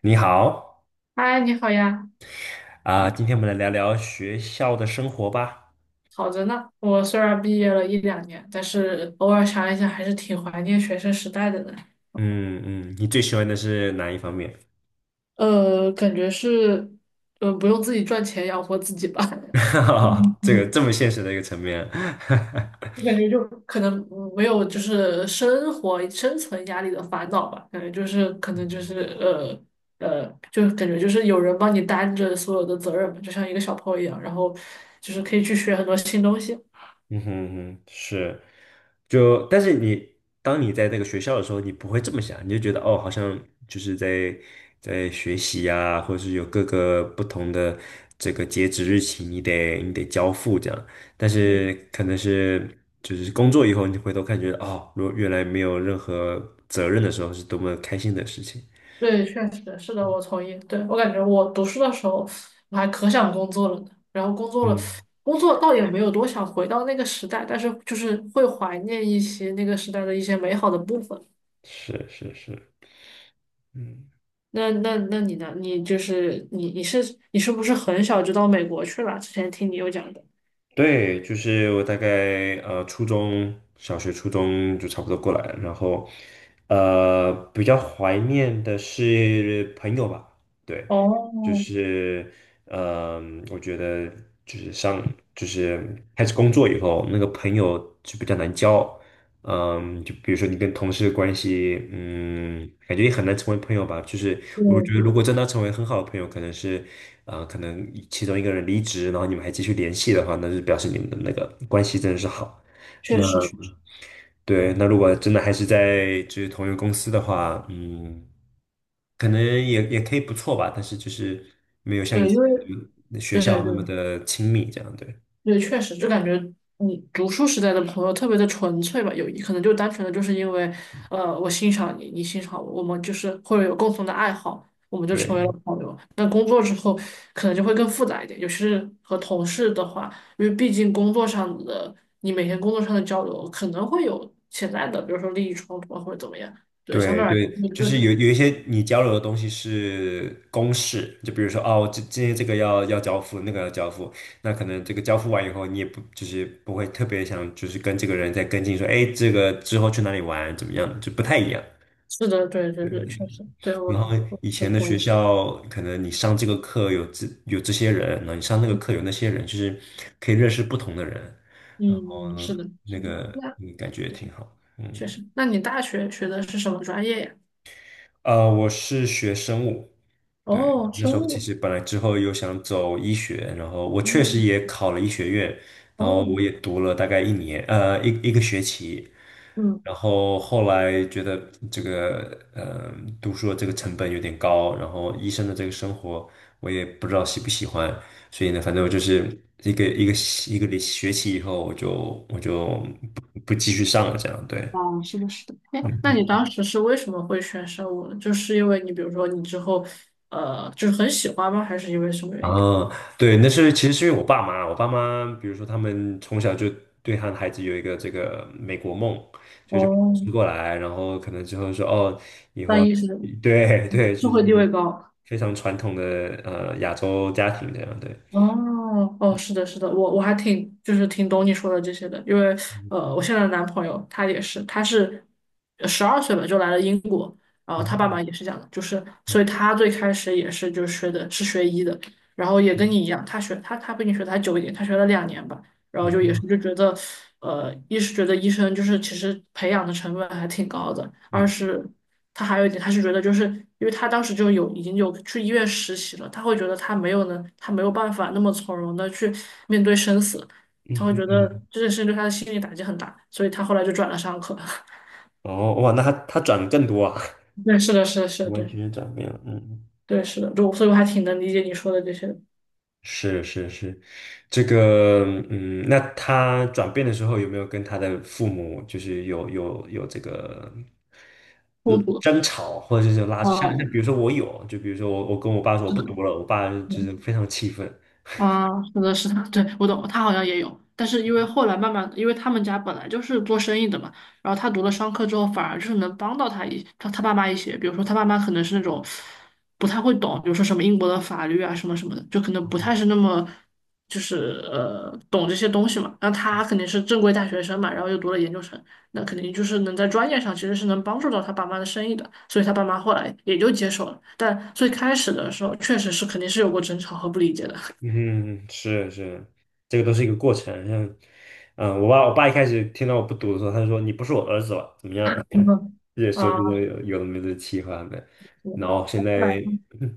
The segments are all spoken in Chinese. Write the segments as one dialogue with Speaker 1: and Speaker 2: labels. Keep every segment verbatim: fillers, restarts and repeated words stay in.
Speaker 1: 你好
Speaker 2: 嗨，你好呀，
Speaker 1: 啊，今天我们来聊聊学校的生活吧。
Speaker 2: 好着呢。我虽然毕业了一两年，但是偶尔想一想，还是挺怀念学生时代的呢。
Speaker 1: 嗯嗯，你最喜欢的是哪一方面？
Speaker 2: 呃，感觉是，呃，不用自己赚钱养活自己吧。嗯
Speaker 1: 这个
Speaker 2: 嗯，
Speaker 1: 这么现实的一个层面。
Speaker 2: 我感觉就可能没有就是生活生存压力的烦恼吧，感觉就是可能就是呃呃，就感觉就是有人帮你担着所有的责任嘛，就像一个小朋友一样，然后就是可以去学很多新东西。
Speaker 1: 嗯哼嗯哼，是，就但是你当你在那个学校的时候，你不会这么想，你就觉得哦，好像就是在在学习呀、或者是有各个不同的这个截止日期，你得你得交付这样。但是
Speaker 2: 嗯。
Speaker 1: 可能是就是工作以后，你回头看，觉得哦，如果原来没有任何责任的时候，是多么开心的事情。
Speaker 2: 对，确实是的，我同意。对，我感觉我读书的时候，我还可想工作了呢。然后工作了，
Speaker 1: 嗯，
Speaker 2: 工作倒也没有多想回到那个时代，但是就是会怀念一些那个时代的一些美好的部分。
Speaker 1: 是是是，嗯。
Speaker 2: 那那那你呢？你就是你你是你是不是很小就到美国去了？之前听你有讲的。
Speaker 1: 对，就是我大概呃初中小学、初中就差不多过来了，然后呃比较怀念的是朋友吧，对，就
Speaker 2: 哦，
Speaker 1: 是嗯、我觉得就是上就是开始工作以后，那个朋友就比较难交，嗯，就比如说你跟同事的关系，嗯，感觉也很难成为朋友吧。就是
Speaker 2: 对
Speaker 1: 我觉得，如
Speaker 2: 对，
Speaker 1: 果真的要成为很好的朋友，可能是，啊、可能其中一个人离职，然后你们还继续联系的话，那就表示你们的那个关系真的是好。
Speaker 2: 确
Speaker 1: 那
Speaker 2: 实确实，
Speaker 1: 对，那如果真的还是在就是同一个公司的话，嗯，可能也也可以不错吧，但是就是没有像以
Speaker 2: 对，因
Speaker 1: 前
Speaker 2: 为
Speaker 1: 那个学
Speaker 2: 对对
Speaker 1: 校那
Speaker 2: 对，
Speaker 1: 么的亲密这样，对。
Speaker 2: 对，确实，就感觉你读书时代的朋友特别的纯粹吧，有可能就单纯的就是因为，呃，我欣赏你，你欣赏我，我们就是或者有共同的爱好，我们就成为了
Speaker 1: 对。
Speaker 2: 朋友。那工作之后，可能就会更复杂一点，尤其是和同事的话，因为毕竟工作上的你每天工作上的交流可能会有潜在的，比如说利益冲突啊或者怎么样。对，相
Speaker 1: 对
Speaker 2: 对而
Speaker 1: 对，
Speaker 2: 言，
Speaker 1: 就是
Speaker 2: 对，
Speaker 1: 有有一些你交流的东西是公式，就比如说哦，这今天这个要要交付，那个要交付，那可能这个交付完以后，你也不就是不会特别想就是跟这个人再跟进说，哎，这个之后去哪里玩怎么样，就不太一样。
Speaker 2: 是的，对对
Speaker 1: 对对
Speaker 2: 对，
Speaker 1: 对。
Speaker 2: 确实，对
Speaker 1: 然后
Speaker 2: 我我
Speaker 1: 以
Speaker 2: 我
Speaker 1: 前的
Speaker 2: 同
Speaker 1: 学
Speaker 2: 意，
Speaker 1: 校，可能你上这个课有这有这些人，然后你上那个课有那些人，就是可以认识不同的人，然后
Speaker 2: 嗯，是的，
Speaker 1: 那
Speaker 2: 是的。
Speaker 1: 个
Speaker 2: 那
Speaker 1: 嗯感觉也挺好。
Speaker 2: 确
Speaker 1: 嗯，
Speaker 2: 实。那你大学学的是什么专业呀？
Speaker 1: 呃，我是学生物。对，
Speaker 2: 哦，
Speaker 1: 那
Speaker 2: 生
Speaker 1: 时候其
Speaker 2: 物。
Speaker 1: 实本来之后又想走医学，然后我确实
Speaker 2: 嗯，
Speaker 1: 也考了医学院，然后
Speaker 2: 哦，
Speaker 1: 我也读了大概一年，呃，一一个学期，
Speaker 2: 嗯，
Speaker 1: 然后后来觉得这个，呃，读书的这个成本有点高，然后医生的这个生活我也不知道喜不喜欢，所以呢，反正我就是一个一个一个学期以后，我就我就不不继续上了，这样，对，
Speaker 2: 哦，是的，是的。哎，
Speaker 1: 嗯
Speaker 2: 那你
Speaker 1: 嗯
Speaker 2: 当时是为什么会选生物呢？就是因为你比如说你之后，呃，就是很喜欢吗？还是因为什么原因？
Speaker 1: 啊，对，那是其实是因为我爸妈，我爸妈，比如说他们从小就对他的孩子有一个这个美国梦，就是把我
Speaker 2: 哦，
Speaker 1: 送过来，然后可能之后说哦，以
Speaker 2: 当
Speaker 1: 后
Speaker 2: 医生，
Speaker 1: 对
Speaker 2: 嗯，
Speaker 1: 对，就
Speaker 2: 社
Speaker 1: 是
Speaker 2: 会地位高。
Speaker 1: 非常传统的呃亚洲家庭这样，对，
Speaker 2: 哦哦，是的，是的，我我还挺就是挺懂你说的这些的，因为
Speaker 1: 嗯
Speaker 2: 呃，我现在的男朋友他也是，他是呃十二岁吧就来了英国，然后他爸
Speaker 1: 嗯
Speaker 2: 妈也是这样的，就是所以他最开始也是就是学的是学医的，然后也跟
Speaker 1: 嗯
Speaker 2: 你一样，他学他他比你学的还久一点，他学了两年吧。然后就也是
Speaker 1: 嗯
Speaker 2: 就觉得，呃，一是觉得医生就是其实培养的成本还挺高的，二
Speaker 1: 嗯，
Speaker 2: 是他还有一点，他是觉得就是因为他当时就有已经有去医院实习了，他会觉得他没有能，他没有办法那么从容的去面对生死，他
Speaker 1: 嗯
Speaker 2: 会觉得
Speaker 1: 嗯
Speaker 2: 这件事情对他的心理打击很大，所以他后来就转了上课。
Speaker 1: 哦哇，那他他转的更多啊，
Speaker 2: 对，是的，是的，是的，
Speaker 1: 完
Speaker 2: 对，
Speaker 1: 全转变了，嗯
Speaker 2: 对，是的，就所以我还挺能理解你说的这些
Speaker 1: 是是是，这个嗯，那他转变的时候有没有跟他的父母就是有有有这个
Speaker 2: 孤
Speaker 1: 嗯
Speaker 2: 独的。
Speaker 1: 争吵，或者是拉像像比如说我有，就比如说我我跟我爸说我
Speaker 2: 这
Speaker 1: 不
Speaker 2: 是的，
Speaker 1: 读了，我爸就是非常气愤。
Speaker 2: 啊，是的，是的，对，我懂，他好像也有，但是因为后来慢慢，因为他们家本来就是做生意的嘛，然后他读了商科之后，反而就是能帮到他一他他爸妈一些，比如说他爸妈可能是那种不太会懂，比如说什么英国的法律啊什么什么的，就可能不太是那么就是呃懂这些东西嘛。那他肯定是正规大学生嘛，然后又读了研究生，那肯定就是能在专业上其实是能帮助到他爸妈的生意的，所以他爸妈后来也就接受了。但最开始的时候，确实是肯定是有过争吵和不理解的。
Speaker 1: 嗯，是是，这个都是一个过程。像嗯，我爸我爸一开始听到我不读的时候，他就说你不是我儿子了，怎么样？
Speaker 2: 嗯哼
Speaker 1: 也
Speaker 2: 啊，
Speaker 1: 说这种有有的没的气话的，
Speaker 2: 是的
Speaker 1: 然后现
Speaker 2: 后来
Speaker 1: 在。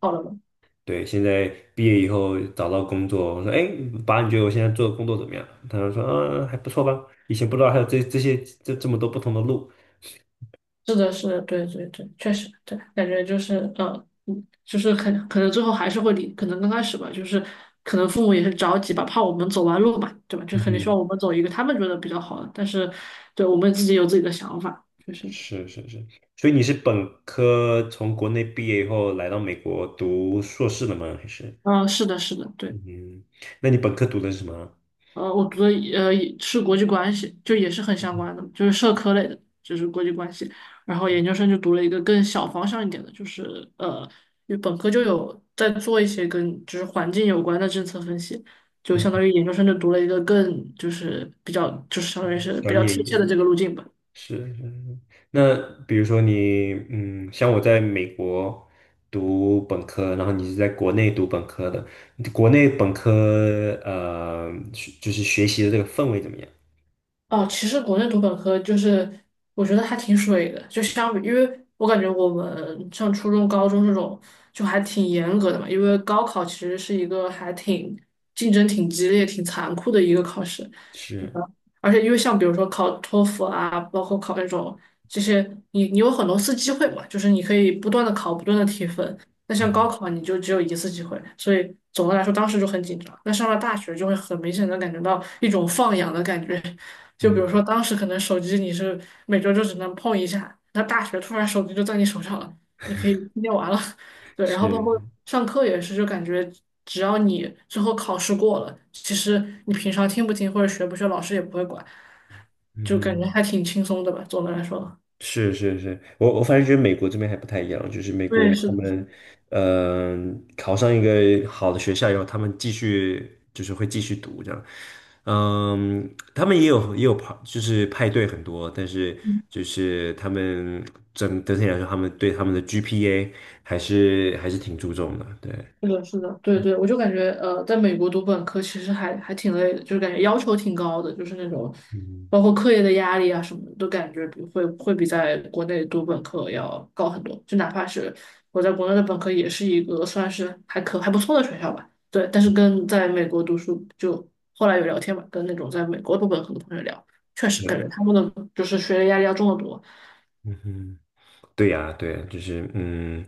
Speaker 2: 好了吗？
Speaker 1: 对，现在毕业以后找到工作，我说，哎，爸，你觉得我现在做的工作怎么样？他就说，嗯，还不错吧。以前不知道还有这这些这这么多不同的路。
Speaker 2: 是的，是的，对对对，确实，对，感觉就是呃，嗯就是可可能最后还是会离，可能刚开始吧，就是可能父母也是着急吧，怕我们走弯路嘛，对吧？就
Speaker 1: 嗯
Speaker 2: 肯定希
Speaker 1: 哼，
Speaker 2: 望我们走一个他们觉得比较好的，但是对我们自己有自己的想法，就是，
Speaker 1: 是是是。所以你是本科从国内毕业以后来到美国读硕士的吗？还是？
Speaker 2: 嗯、是的，是的，对。
Speaker 1: 嗯，那你本科读的是什么？
Speaker 2: 呃，我读的呃是国际关系，就也是很相
Speaker 1: 嗯
Speaker 2: 关的，就是社科类的，就是国际关系。然后研究生就读了一个更小方向一点的，就是呃，因为本科就有在做一些跟就是环境有关的政策分析，就
Speaker 1: 嗯，
Speaker 2: 相当于研究生就读了一个更就是比较就是相当于是比
Speaker 1: 专
Speaker 2: 较
Speaker 1: 业一
Speaker 2: 贴
Speaker 1: 点。
Speaker 2: 切的这个路径吧。
Speaker 1: 是是是那比如说你，嗯，像我在美国读本科，然后你是在国内读本科的，你国内本科呃，学就是学习的这个氛围怎么样？
Speaker 2: 哦，其实国内读本科就是，我觉得还挺水的，就相比，因为我感觉我们上初中、高中这种就还挺严格的嘛，因为高考其实是一个还挺竞争挺激烈、挺残酷的一个考试，嗯
Speaker 1: 是，
Speaker 2: 而且因为像比如说考托福啊，包括考那种这些，你你有很多次机会嘛，就是你可以不断的考、不断的提分，那像
Speaker 1: 嗯
Speaker 2: 高考你就只有一次机会，所以总的来说当时就很紧张。那上了大学就会很明显的感觉到一种放养的感觉，就比如
Speaker 1: 嗯，
Speaker 2: 说当时可能手机你是每周就只能碰一下，那大学突然手机就在你手上了，你可以一天玩了。对，然后包
Speaker 1: 是，
Speaker 2: 括上课也是，就感觉只要你最后考试过了，其实你平常听不听或者学不学，老师也不会管，
Speaker 1: 嗯
Speaker 2: 就感觉
Speaker 1: 哼。
Speaker 2: 还挺轻松的吧，总的来说。
Speaker 1: 是是是，我我反正觉得美国这边还不太一样，就是美国
Speaker 2: 对，是
Speaker 1: 他
Speaker 2: 的，是的。
Speaker 1: 们，嗯、考上一个好的学校以后，他们继续就是会继续读这样，嗯，他们也有也有派就是派对很多，但是就是他们整整体来说，他们对他们的 G P A 还是还是挺注重的，对，
Speaker 2: 是的，是的，对对，我就感觉呃，在美国读本科其实还还挺累的，就是感觉要求挺高的，就是那种
Speaker 1: 嗯，
Speaker 2: 包括课业的压力啊什么的，都感觉比会会比在国内读本科要高很多。就哪怕是我在国内的本科，也是一个算是还可还不错的学校吧，对。但是跟在美国读书，就后来有聊天嘛，跟那种在美国读本科的同学聊，确实感觉
Speaker 1: 是，
Speaker 2: 他们的就是学业压力要重得多。
Speaker 1: 嗯哼。对呀，对呀，就是嗯，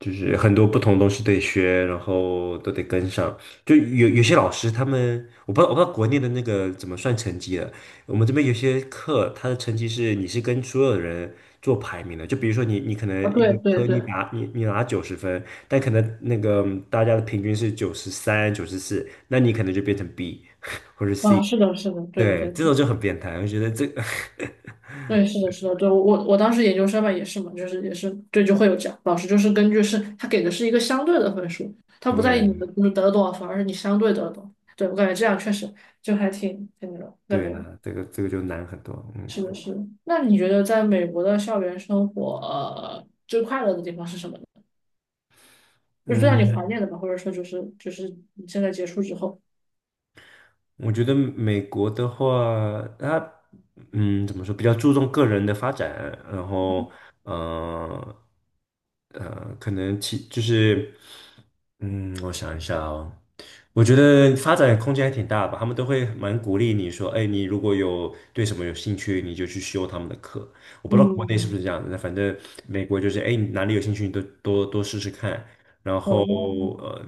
Speaker 1: 就是很多不同东西得学，然后都得跟上。就有有些老师他们，我不知道我不知道国内的那个怎么算成绩的。我们这边有些课，他的成绩是你是跟所有人做排名的。就比如说你你可
Speaker 2: 啊，
Speaker 1: 能一
Speaker 2: 对
Speaker 1: 个
Speaker 2: 对
Speaker 1: 科
Speaker 2: 对，
Speaker 1: 你拿你你拿九十分，但可能那个大家的平均是九十三、九十四，那你可能就变成 B 或者
Speaker 2: 啊，
Speaker 1: C。
Speaker 2: 是的，是的，对
Speaker 1: 对，
Speaker 2: 对，
Speaker 1: 这种就很变态，我觉得这个
Speaker 2: 对，是的，是的，对，我我我当时研究生嘛，也是嘛，就是也是，对，就会有这样，老师就是根据是他给的是一个相对的分数，他不在意你
Speaker 1: 对
Speaker 2: 的就是得多少分，而是你相对得了多少。对，我感觉这样确实就还挺挺那种感
Speaker 1: 对
Speaker 2: 觉，
Speaker 1: 啊，这个这个就难很多，嗯。
Speaker 2: 是的，是的。那你觉得在美国的校园生活，呃，最快乐的地方是什么呢？就是最让你
Speaker 1: 嗯，
Speaker 2: 怀念的吧，或者说就是就是你现在结束之后，
Speaker 1: 我觉得美国的话，它嗯怎么说，比较注重个人的发展，然后呃呃，可能其就是嗯，我想一下哦，我觉得发展空间还挺大吧，他们都会蛮鼓励你说，哎，你如果有对什么有兴趣，你就去修他们的课。我不知道国内是不
Speaker 2: 嗯，
Speaker 1: 是这样的，反正美国就是，哎，你哪里有兴趣，你都多多试试看。然后
Speaker 2: 哦，
Speaker 1: 呃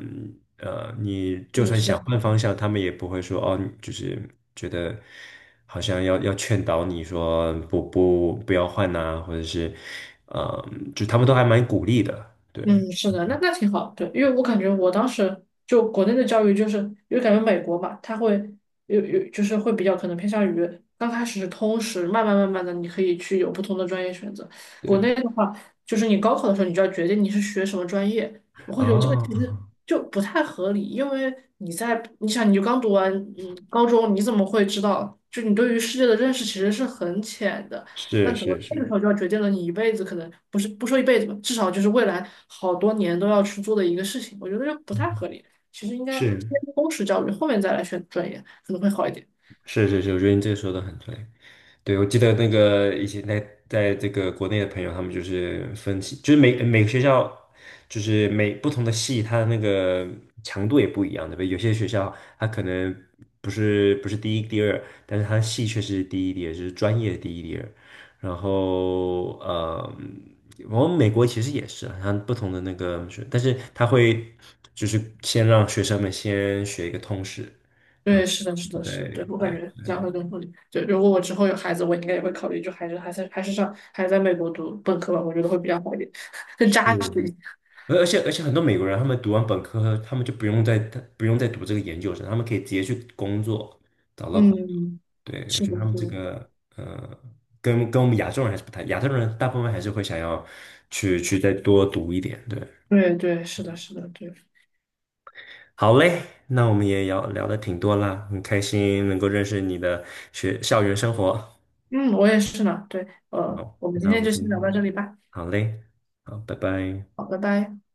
Speaker 1: 呃，你
Speaker 2: 是
Speaker 1: 就
Speaker 2: 的
Speaker 1: 算
Speaker 2: 是
Speaker 1: 想
Speaker 2: 的
Speaker 1: 换方向，他们也不会说哦，你就是觉得好像要要劝导你说不不不要换呐、或者是呃，就他们都还蛮鼓励的，对
Speaker 2: 嗯，是的，那那挺好，对，因为我感觉我当时就国内的教育，就是因为感觉美国嘛，它会有有就是会比较可能偏向于刚开始是通识，慢慢慢慢的你可以去有不同的专业选择。国
Speaker 1: 对
Speaker 2: 内的话，就是你高考的时候你就要决定你是学什么专业，我会觉得这个其实
Speaker 1: 啊，
Speaker 2: 就不太合理，因为你在你想你就刚读完嗯高中，你怎么会知道？就你对于世界的认识其实是很浅的。那
Speaker 1: 是
Speaker 2: 怎么
Speaker 1: 是
Speaker 2: 那个
Speaker 1: 是，
Speaker 2: 时候就要决定了你一辈子可能不是不说一辈子吧，至少就是未来好多年都要去做的一个事情，我觉得就不太
Speaker 1: 嗯
Speaker 2: 合理。其实应该
Speaker 1: 是。
Speaker 2: 先通识教育，后面再来选专业可能会好一点。
Speaker 1: 是是是，我觉得你这个说的很对。对，我记得那个以前在在这个国内的朋友，他们就是分析，就是每每个学校，就是每不同的系，它的那个强度也不一样，对不对？有些学校它可能不是不是第一第二，但是它的系却是第一第二，就是专业第一第二。然后呃，我们美国其实也是啊，它不同的那个学，但是他会就是先让学生们先学一个通识，
Speaker 2: 对，是的，是
Speaker 1: 我
Speaker 2: 的，
Speaker 1: 再
Speaker 2: 是的，对，我感
Speaker 1: 对，
Speaker 2: 觉这样会更合理。对，如果我之后有孩子，我应该也会考虑，就还是还是还是上还是在美国读本科吧，我觉得会比较好一点，更
Speaker 1: 是。
Speaker 2: 扎实一点。
Speaker 1: 而而且而且很多美国人，他们读完本科，他们就不用再不用再读这个研究生，他们可以直接去工作，找到工作。
Speaker 2: 嗯，
Speaker 1: 对，我
Speaker 2: 是
Speaker 1: 觉
Speaker 2: 的，
Speaker 1: 得他
Speaker 2: 是
Speaker 1: 们这
Speaker 2: 的，
Speaker 1: 个呃，跟跟我们亚洲人还是不太，亚洲人大部分还是会想要去去再多读一点。对，
Speaker 2: 对对，是的，是的，对，
Speaker 1: 好嘞，那我们也聊聊的挺多啦，很开心能够认识你的学校园生活。
Speaker 2: 嗯，我也是呢，对，呃，我们今
Speaker 1: 那我
Speaker 2: 天
Speaker 1: 们
Speaker 2: 就
Speaker 1: 先，
Speaker 2: 先聊到这里吧，
Speaker 1: 好嘞，好，拜拜。
Speaker 2: 好，拜拜。